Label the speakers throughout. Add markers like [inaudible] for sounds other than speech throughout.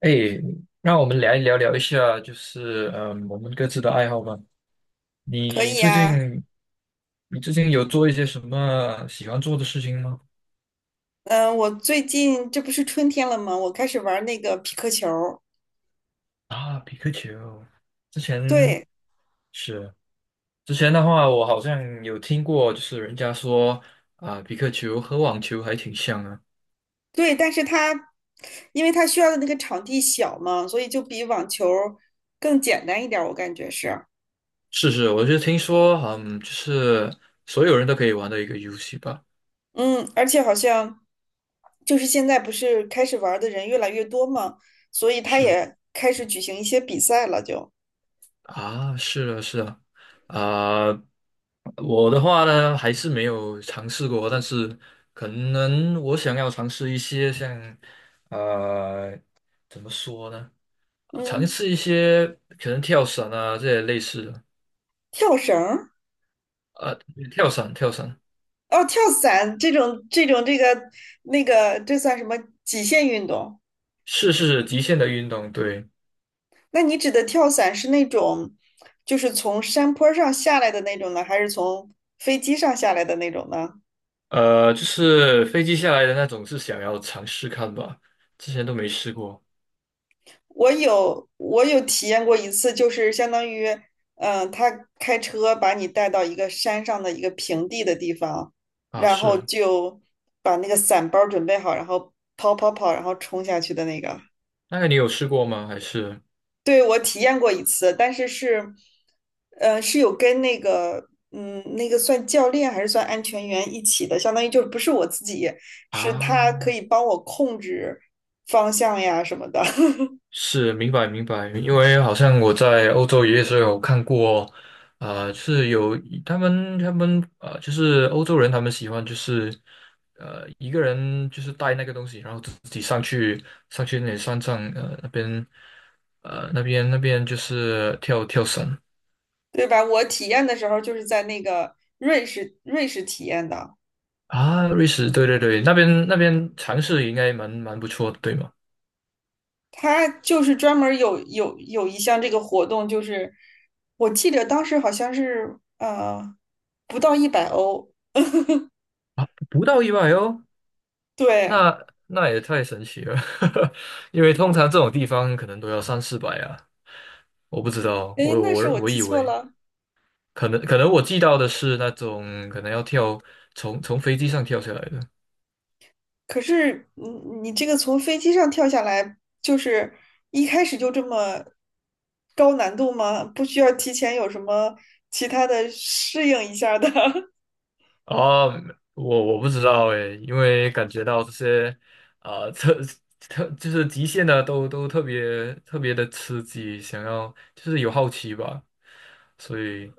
Speaker 1: 哎，那我们来聊聊一下，就是我们各自的爱好吧。
Speaker 2: 可
Speaker 1: 你
Speaker 2: 以
Speaker 1: 最
Speaker 2: 啊，
Speaker 1: 近，你最近有做一些什么喜欢做的事情吗？
Speaker 2: 嗯、我最近这不是春天了吗？我开始玩那个匹克球儿。
Speaker 1: 啊，皮克球，之前
Speaker 2: 对
Speaker 1: 是之前的话，我好像有听过，就是人家说啊，皮克球和网球还挺像啊。
Speaker 2: 对，但是因为它需要的那个场地小嘛，所以就比网球儿更简单一点儿我感觉是。
Speaker 1: 是是，我就听说，就是所有人都可以玩的一个游戏吧。
Speaker 2: 嗯，而且好像就是现在不是开始玩儿的人越来越多嘛，所以它
Speaker 1: 是。
Speaker 2: 也开始举行一些比赛了，就
Speaker 1: 啊，是啊，是啊。啊、我的话呢，还是没有尝试过，但是可能我想要尝试一些像，呃，怎么说呢？尝
Speaker 2: 嗯，
Speaker 1: 试一些可能跳伞啊这些类似的。
Speaker 2: 跳绳儿。
Speaker 1: 呃，跳伞，跳伞，
Speaker 2: 哦，跳伞这种这算什么极限运动？
Speaker 1: 是是是极限的运动，对。
Speaker 2: 那你指的跳伞是那种，就是从山坡上下来的那种呢，还是从飞机上下来的那种呢？
Speaker 1: 就是飞机下来的那种，是想要尝试看吧，之前都没试过。
Speaker 2: 我有体验过一次，就是相当于，嗯，他开车把你带到一个山上的一个平地的地方，
Speaker 1: 啊，
Speaker 2: 然
Speaker 1: 是
Speaker 2: 后
Speaker 1: 啊，
Speaker 2: 就把那个伞包准备好，然后跑跑跑，然后冲下去的那个。
Speaker 1: 那个你有试过吗？还是
Speaker 2: 对，我体验过一次，但是是，是有跟那个，嗯，那个算教练还是算安全员一起的，相当于就不是我自己，是他可
Speaker 1: 啊？
Speaker 2: 以帮我控制方向呀什么的。
Speaker 1: 是，明白明白。因为好像我在欧洲也是有看过，是有他们就是欧洲人他们喜欢，就是一个人就是带那个东西，然后自己上去那里山上那边那边就是跳跳绳。
Speaker 2: [laughs] 对吧？我体验的时候就是在那个瑞士，瑞士体验的。
Speaker 1: 啊，瑞士对对对，那边那边尝试应该蛮不错的，对吗？
Speaker 2: 他就是专门有一项这个活动，就是我记得当时好像是不到100欧。
Speaker 1: 不到100哦，
Speaker 2: 对。
Speaker 1: 那也太神奇了。[laughs] 因为通常这种地方可能都要三四百啊。我不知道，
Speaker 2: 诶，
Speaker 1: 我
Speaker 2: 那是
Speaker 1: 我
Speaker 2: 我
Speaker 1: 我
Speaker 2: 记
Speaker 1: 以
Speaker 2: 错
Speaker 1: 为
Speaker 2: 了。
Speaker 1: 可能我记到的是那种可能要跳从飞机上跳下来的。
Speaker 2: 可是你这个从飞机上跳下来，就是一开始就这么高难度吗？不需要提前有什么其他的适应一下儿的？
Speaker 1: 啊，我不知道诶，因为感觉到这些啊、特特就是极限的都特别特别的刺激，想要就是有好奇吧，所以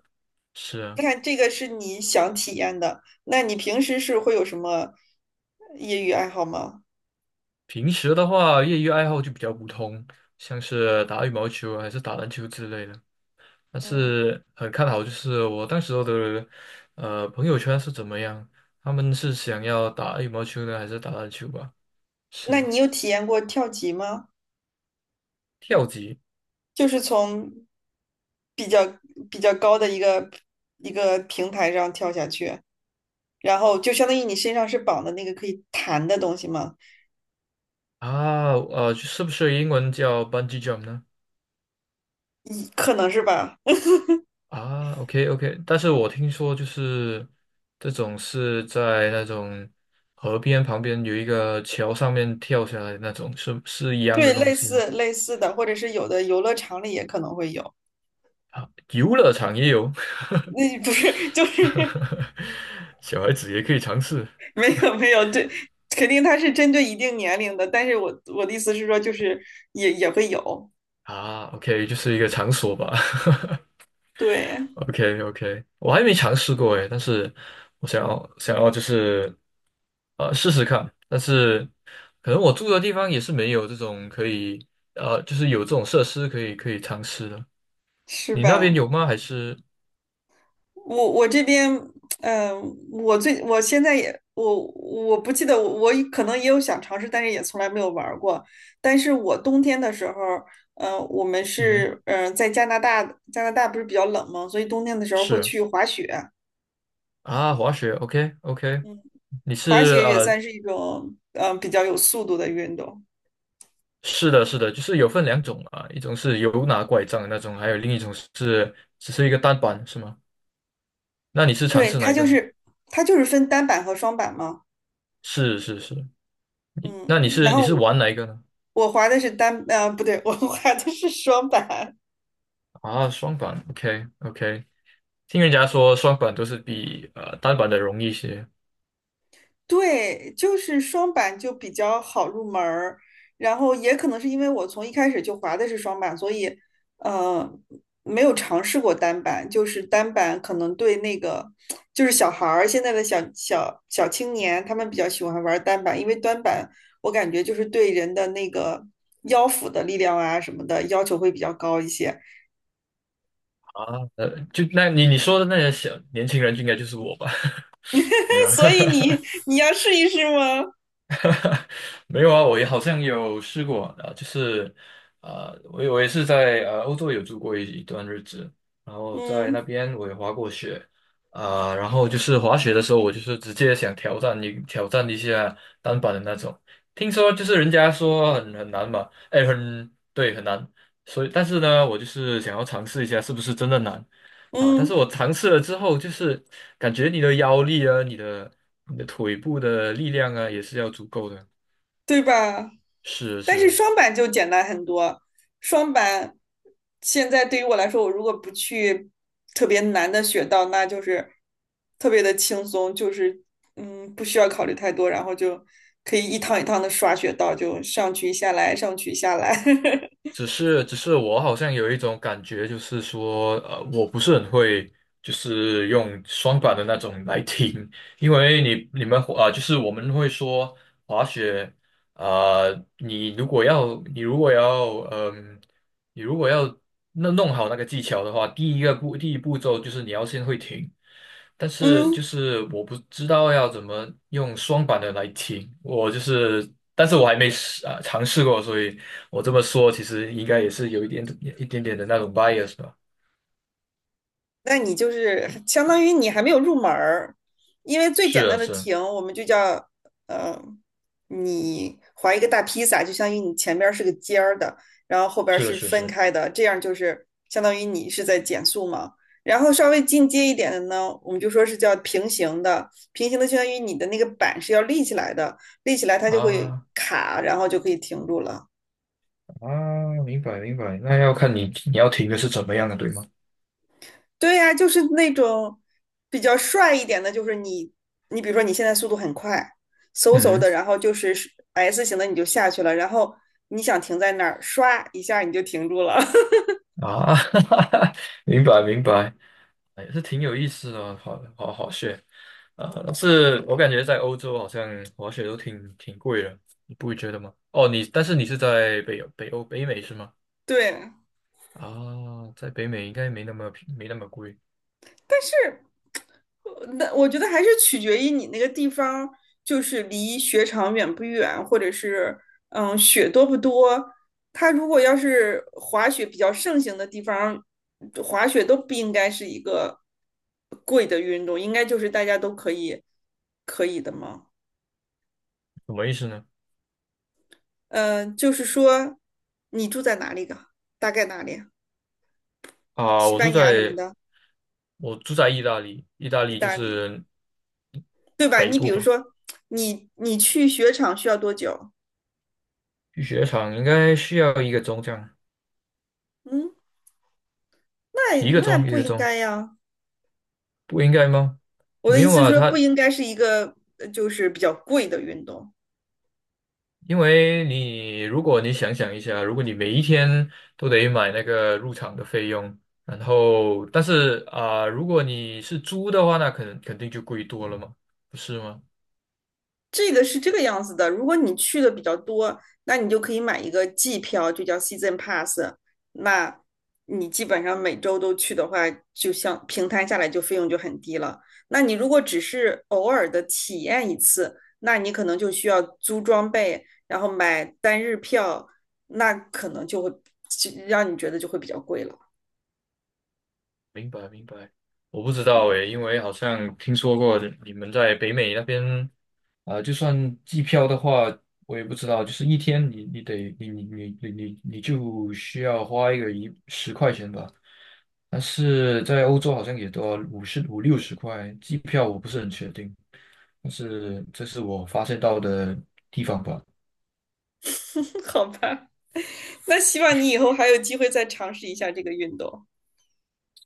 Speaker 2: [laughs]
Speaker 1: 是
Speaker 2: 你
Speaker 1: 啊。
Speaker 2: 看这个是你想体验的，那你平时是会有什么业余爱好吗？
Speaker 1: 平时的话业余爱好就比较普通，像是打羽毛球啊还是打篮球之类的。但
Speaker 2: 嗯，
Speaker 1: 是很看好就是我当时候的朋友圈是怎么样，他们是想要打羽毛球呢，还是打篮球吧？
Speaker 2: 那
Speaker 1: 是，
Speaker 2: 你有体验过跳级吗？
Speaker 1: 跳级
Speaker 2: 就是从比较比较高的一个平台上跳下去，然后就相当于你身上是绑的那个可以弹的东西吗？
Speaker 1: 啊。是不是英文叫 bungee jump 呢？
Speaker 2: 一可能是吧？
Speaker 1: 啊，OK OK,但是我听说就是这种是在那种河边旁边有一个桥上面跳下来的那种，是一样
Speaker 2: 对，
Speaker 1: 的东
Speaker 2: 类
Speaker 1: 西吗？
Speaker 2: 似类似的，或者是有的游乐场里也可能会有。
Speaker 1: 游乐场也有，
Speaker 2: 那不是就是。
Speaker 1: [laughs] 小孩子也可以尝试。
Speaker 2: [laughs] 没有没有，对，肯定它是针对一定年龄的，但是我的意思是说，就是也会有。
Speaker 1: 啊，OK,就是一个场所吧。[laughs]
Speaker 2: 对，
Speaker 1: o k o k 我还没尝试过诶，但是我想要就是试试看，但是可能我住的地方也是没有这种可以，就是有这种设施可以尝试的。
Speaker 2: 是
Speaker 1: 你那边
Speaker 2: 吧？
Speaker 1: 有吗？还是。
Speaker 2: 我这边，嗯、呃我我现在也我不记得我可能也有想尝试，但是也从来没有玩儿过。但是我冬天的时候，嗯，我们
Speaker 1: 嗯哼。
Speaker 2: 是在加拿大。加拿大不是比较冷吗？所以冬天的时候会
Speaker 1: 是
Speaker 2: 去滑雪。
Speaker 1: 啊，滑雪，OK OK,你
Speaker 2: 滑
Speaker 1: 是
Speaker 2: 雪也算是一种比较有速度的运动。
Speaker 1: 是的是的，就是有分两种啊，一种是有拿拐杖的那种，还有另一种是只是一个单板是吗？那你是尝
Speaker 2: 对，
Speaker 1: 试哪一个呢？
Speaker 2: 它就是分单板和双板嘛。
Speaker 1: 是是是，那你
Speaker 2: 嗯，然
Speaker 1: 是你
Speaker 2: 后
Speaker 1: 是玩哪一个呢？
Speaker 2: 我滑的是单，呃，不对，我 [laughs] 滑的是双板。
Speaker 1: 啊，双板，OK OK,听人家说双板都是比单板的容易一些。
Speaker 2: 对，就是双板就比较好入门儿，然后也可能是因为我从一开始就滑的是双板，所以呃没有尝试过单板，就是单板可能对那个就是小孩儿现在的小青年，他们比较喜欢玩单板，因为单板我感觉就是对人的那个腰腹的力量啊什么的要求会比较高一些。
Speaker 1: 啊，就那你说的那些小年轻人就应该就是我吧？[laughs] 没有
Speaker 2: [laughs]
Speaker 1: 啊，
Speaker 2: 所以
Speaker 1: [laughs]
Speaker 2: 你要试一试吗？
Speaker 1: 没有啊，我也好像有试过啊，就是。啊，我也是在欧洲有住过一段日子，然后在那
Speaker 2: 嗯
Speaker 1: 边我也滑过雪啊。然后就是滑雪的时候，我就是直接想挑战一下单板的那种，听说就是人家说很难嘛，哎，很对很难，所以但是呢，我就是想要尝试一下是不是真的难啊。但是
Speaker 2: 嗯。
Speaker 1: 我尝试了之后，就是感觉你的腰力啊，你的腿部的力量啊，也是要足够的。
Speaker 2: 对吧？
Speaker 1: 是
Speaker 2: 但是
Speaker 1: 是，
Speaker 2: 双板就简单很多。双板现在对于我来说，我如果不去特别难的雪道，那就是特别的轻松，就是嗯，不需要考虑太多，然后就可以一趟一趟的刷雪道，就上去下来，上去下来。[laughs]
Speaker 1: 只是我好像有一种感觉，就是说，我不是很会，就是用双板的那种来听。因为你们就是我们会说滑雪。呃，你如果要，你如果要，嗯，你如果要那弄好那个技巧的话，第一步骤就是你要先会停。但是就
Speaker 2: 嗯，
Speaker 1: 是我不知道要怎么用双板的来停，我就是。但是我还没试啊尝试过，所以我这么说其实应该也是有一点点的那种 bias 吧。
Speaker 2: 那你就是相当于你还没有入门儿，因为最
Speaker 1: 是
Speaker 2: 简单
Speaker 1: 啊，
Speaker 2: 的
Speaker 1: 是啊
Speaker 2: 停，我们就叫呃，你划一个大披萨，就相当于你前边儿是个尖儿的，然后后边儿
Speaker 1: 是啊
Speaker 2: 是
Speaker 1: 是啊
Speaker 2: 分
Speaker 1: 是
Speaker 2: 开的，这样就是相当于你是在减速嘛。然后稍微进阶一点的呢，我们就说是叫平行的，平行的相当于你的那个板是要立起来的，立起来它就会
Speaker 1: 啊。
Speaker 2: 卡，然后就可以停住了。
Speaker 1: 啊，明白明白，那要看你要停的是怎么样的，对吗？
Speaker 2: 对呀，就是那种比较帅一点的，就是你，你比如说你现在速度很快，嗖嗖
Speaker 1: 嗯。
Speaker 2: 的，然后就是 S 型的你就下去了，然后你想停在那儿，唰一下你就停住了。
Speaker 1: 啊，[laughs] 明白明白，哎，是挺有意思的哦，滑雪啊。但是我感觉在欧洲好像滑雪都挺贵的，你不会觉得吗？哦，你但是你是在北美是吗？
Speaker 2: [laughs] 对，
Speaker 1: 啊，在北美应该没那么贵。
Speaker 2: 是。那我觉得还是取决于你那个地方，就是离雪场远不远，或者是嗯雪多不多。它如果要是滑雪比较盛行的地方，滑雪都不应该是一个贵的运动，应该就是大家都可以可以的嘛。
Speaker 1: 什么意思呢？
Speaker 2: 就是说你住在哪里的？大概哪里？
Speaker 1: 啊，
Speaker 2: 西
Speaker 1: 我住
Speaker 2: 班牙什么
Speaker 1: 在
Speaker 2: 的，
Speaker 1: 我住在意大利，意大
Speaker 2: 意
Speaker 1: 利就
Speaker 2: 大利，
Speaker 1: 是
Speaker 2: 对吧？
Speaker 1: 北
Speaker 2: 你比
Speaker 1: 部
Speaker 2: 如
Speaker 1: 吧。
Speaker 2: 说，你去雪场需要多久？
Speaker 1: 去雪场应该需要一个钟这样，
Speaker 2: 嗯，那
Speaker 1: 一个
Speaker 2: 那
Speaker 1: 钟一
Speaker 2: 不
Speaker 1: 个
Speaker 2: 应
Speaker 1: 钟，
Speaker 2: 该呀。
Speaker 1: 不应该吗？
Speaker 2: 我的
Speaker 1: 没
Speaker 2: 意
Speaker 1: 有
Speaker 2: 思是
Speaker 1: 啊，
Speaker 2: 说，不
Speaker 1: 他。
Speaker 2: 应该是一个就是比较贵的运动。
Speaker 1: 因为你，如果你想想一下，如果你每一天都得买那个入场的费用，然后，但是如果你是租的话，那肯定就贵多了嘛，不是吗？
Speaker 2: 这个是这个样子的，如果你去的比较多，那你就可以买一个季票，就叫 season pass。那你基本上每周都去的话，就像平摊下来就费用就很低了。那你如果只是偶尔的体验一次，那你可能就需要租装备，然后买单日票，那可能就会就让你觉得就会比较贵了。
Speaker 1: 明白明白，我不知道诶，因为好像听说过你们在北美那边，就算机票的话，我也不知道，就是一天你你得你你你你你你就需要花一个10块钱吧，但是在欧洲好像也都要五十五六十块，机票我不是很确定，但是这是我发现到的地方吧。
Speaker 2: [laughs] 好吧？那希望你以后还有机会再尝试一下这个运动。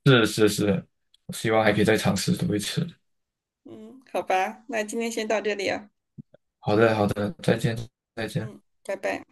Speaker 1: 是是是，希望还可以再尝试多一次。
Speaker 2: 嗯，好吧，那今天先到这里啊。
Speaker 1: 好的好的，再见。再见。
Speaker 2: 嗯，拜拜。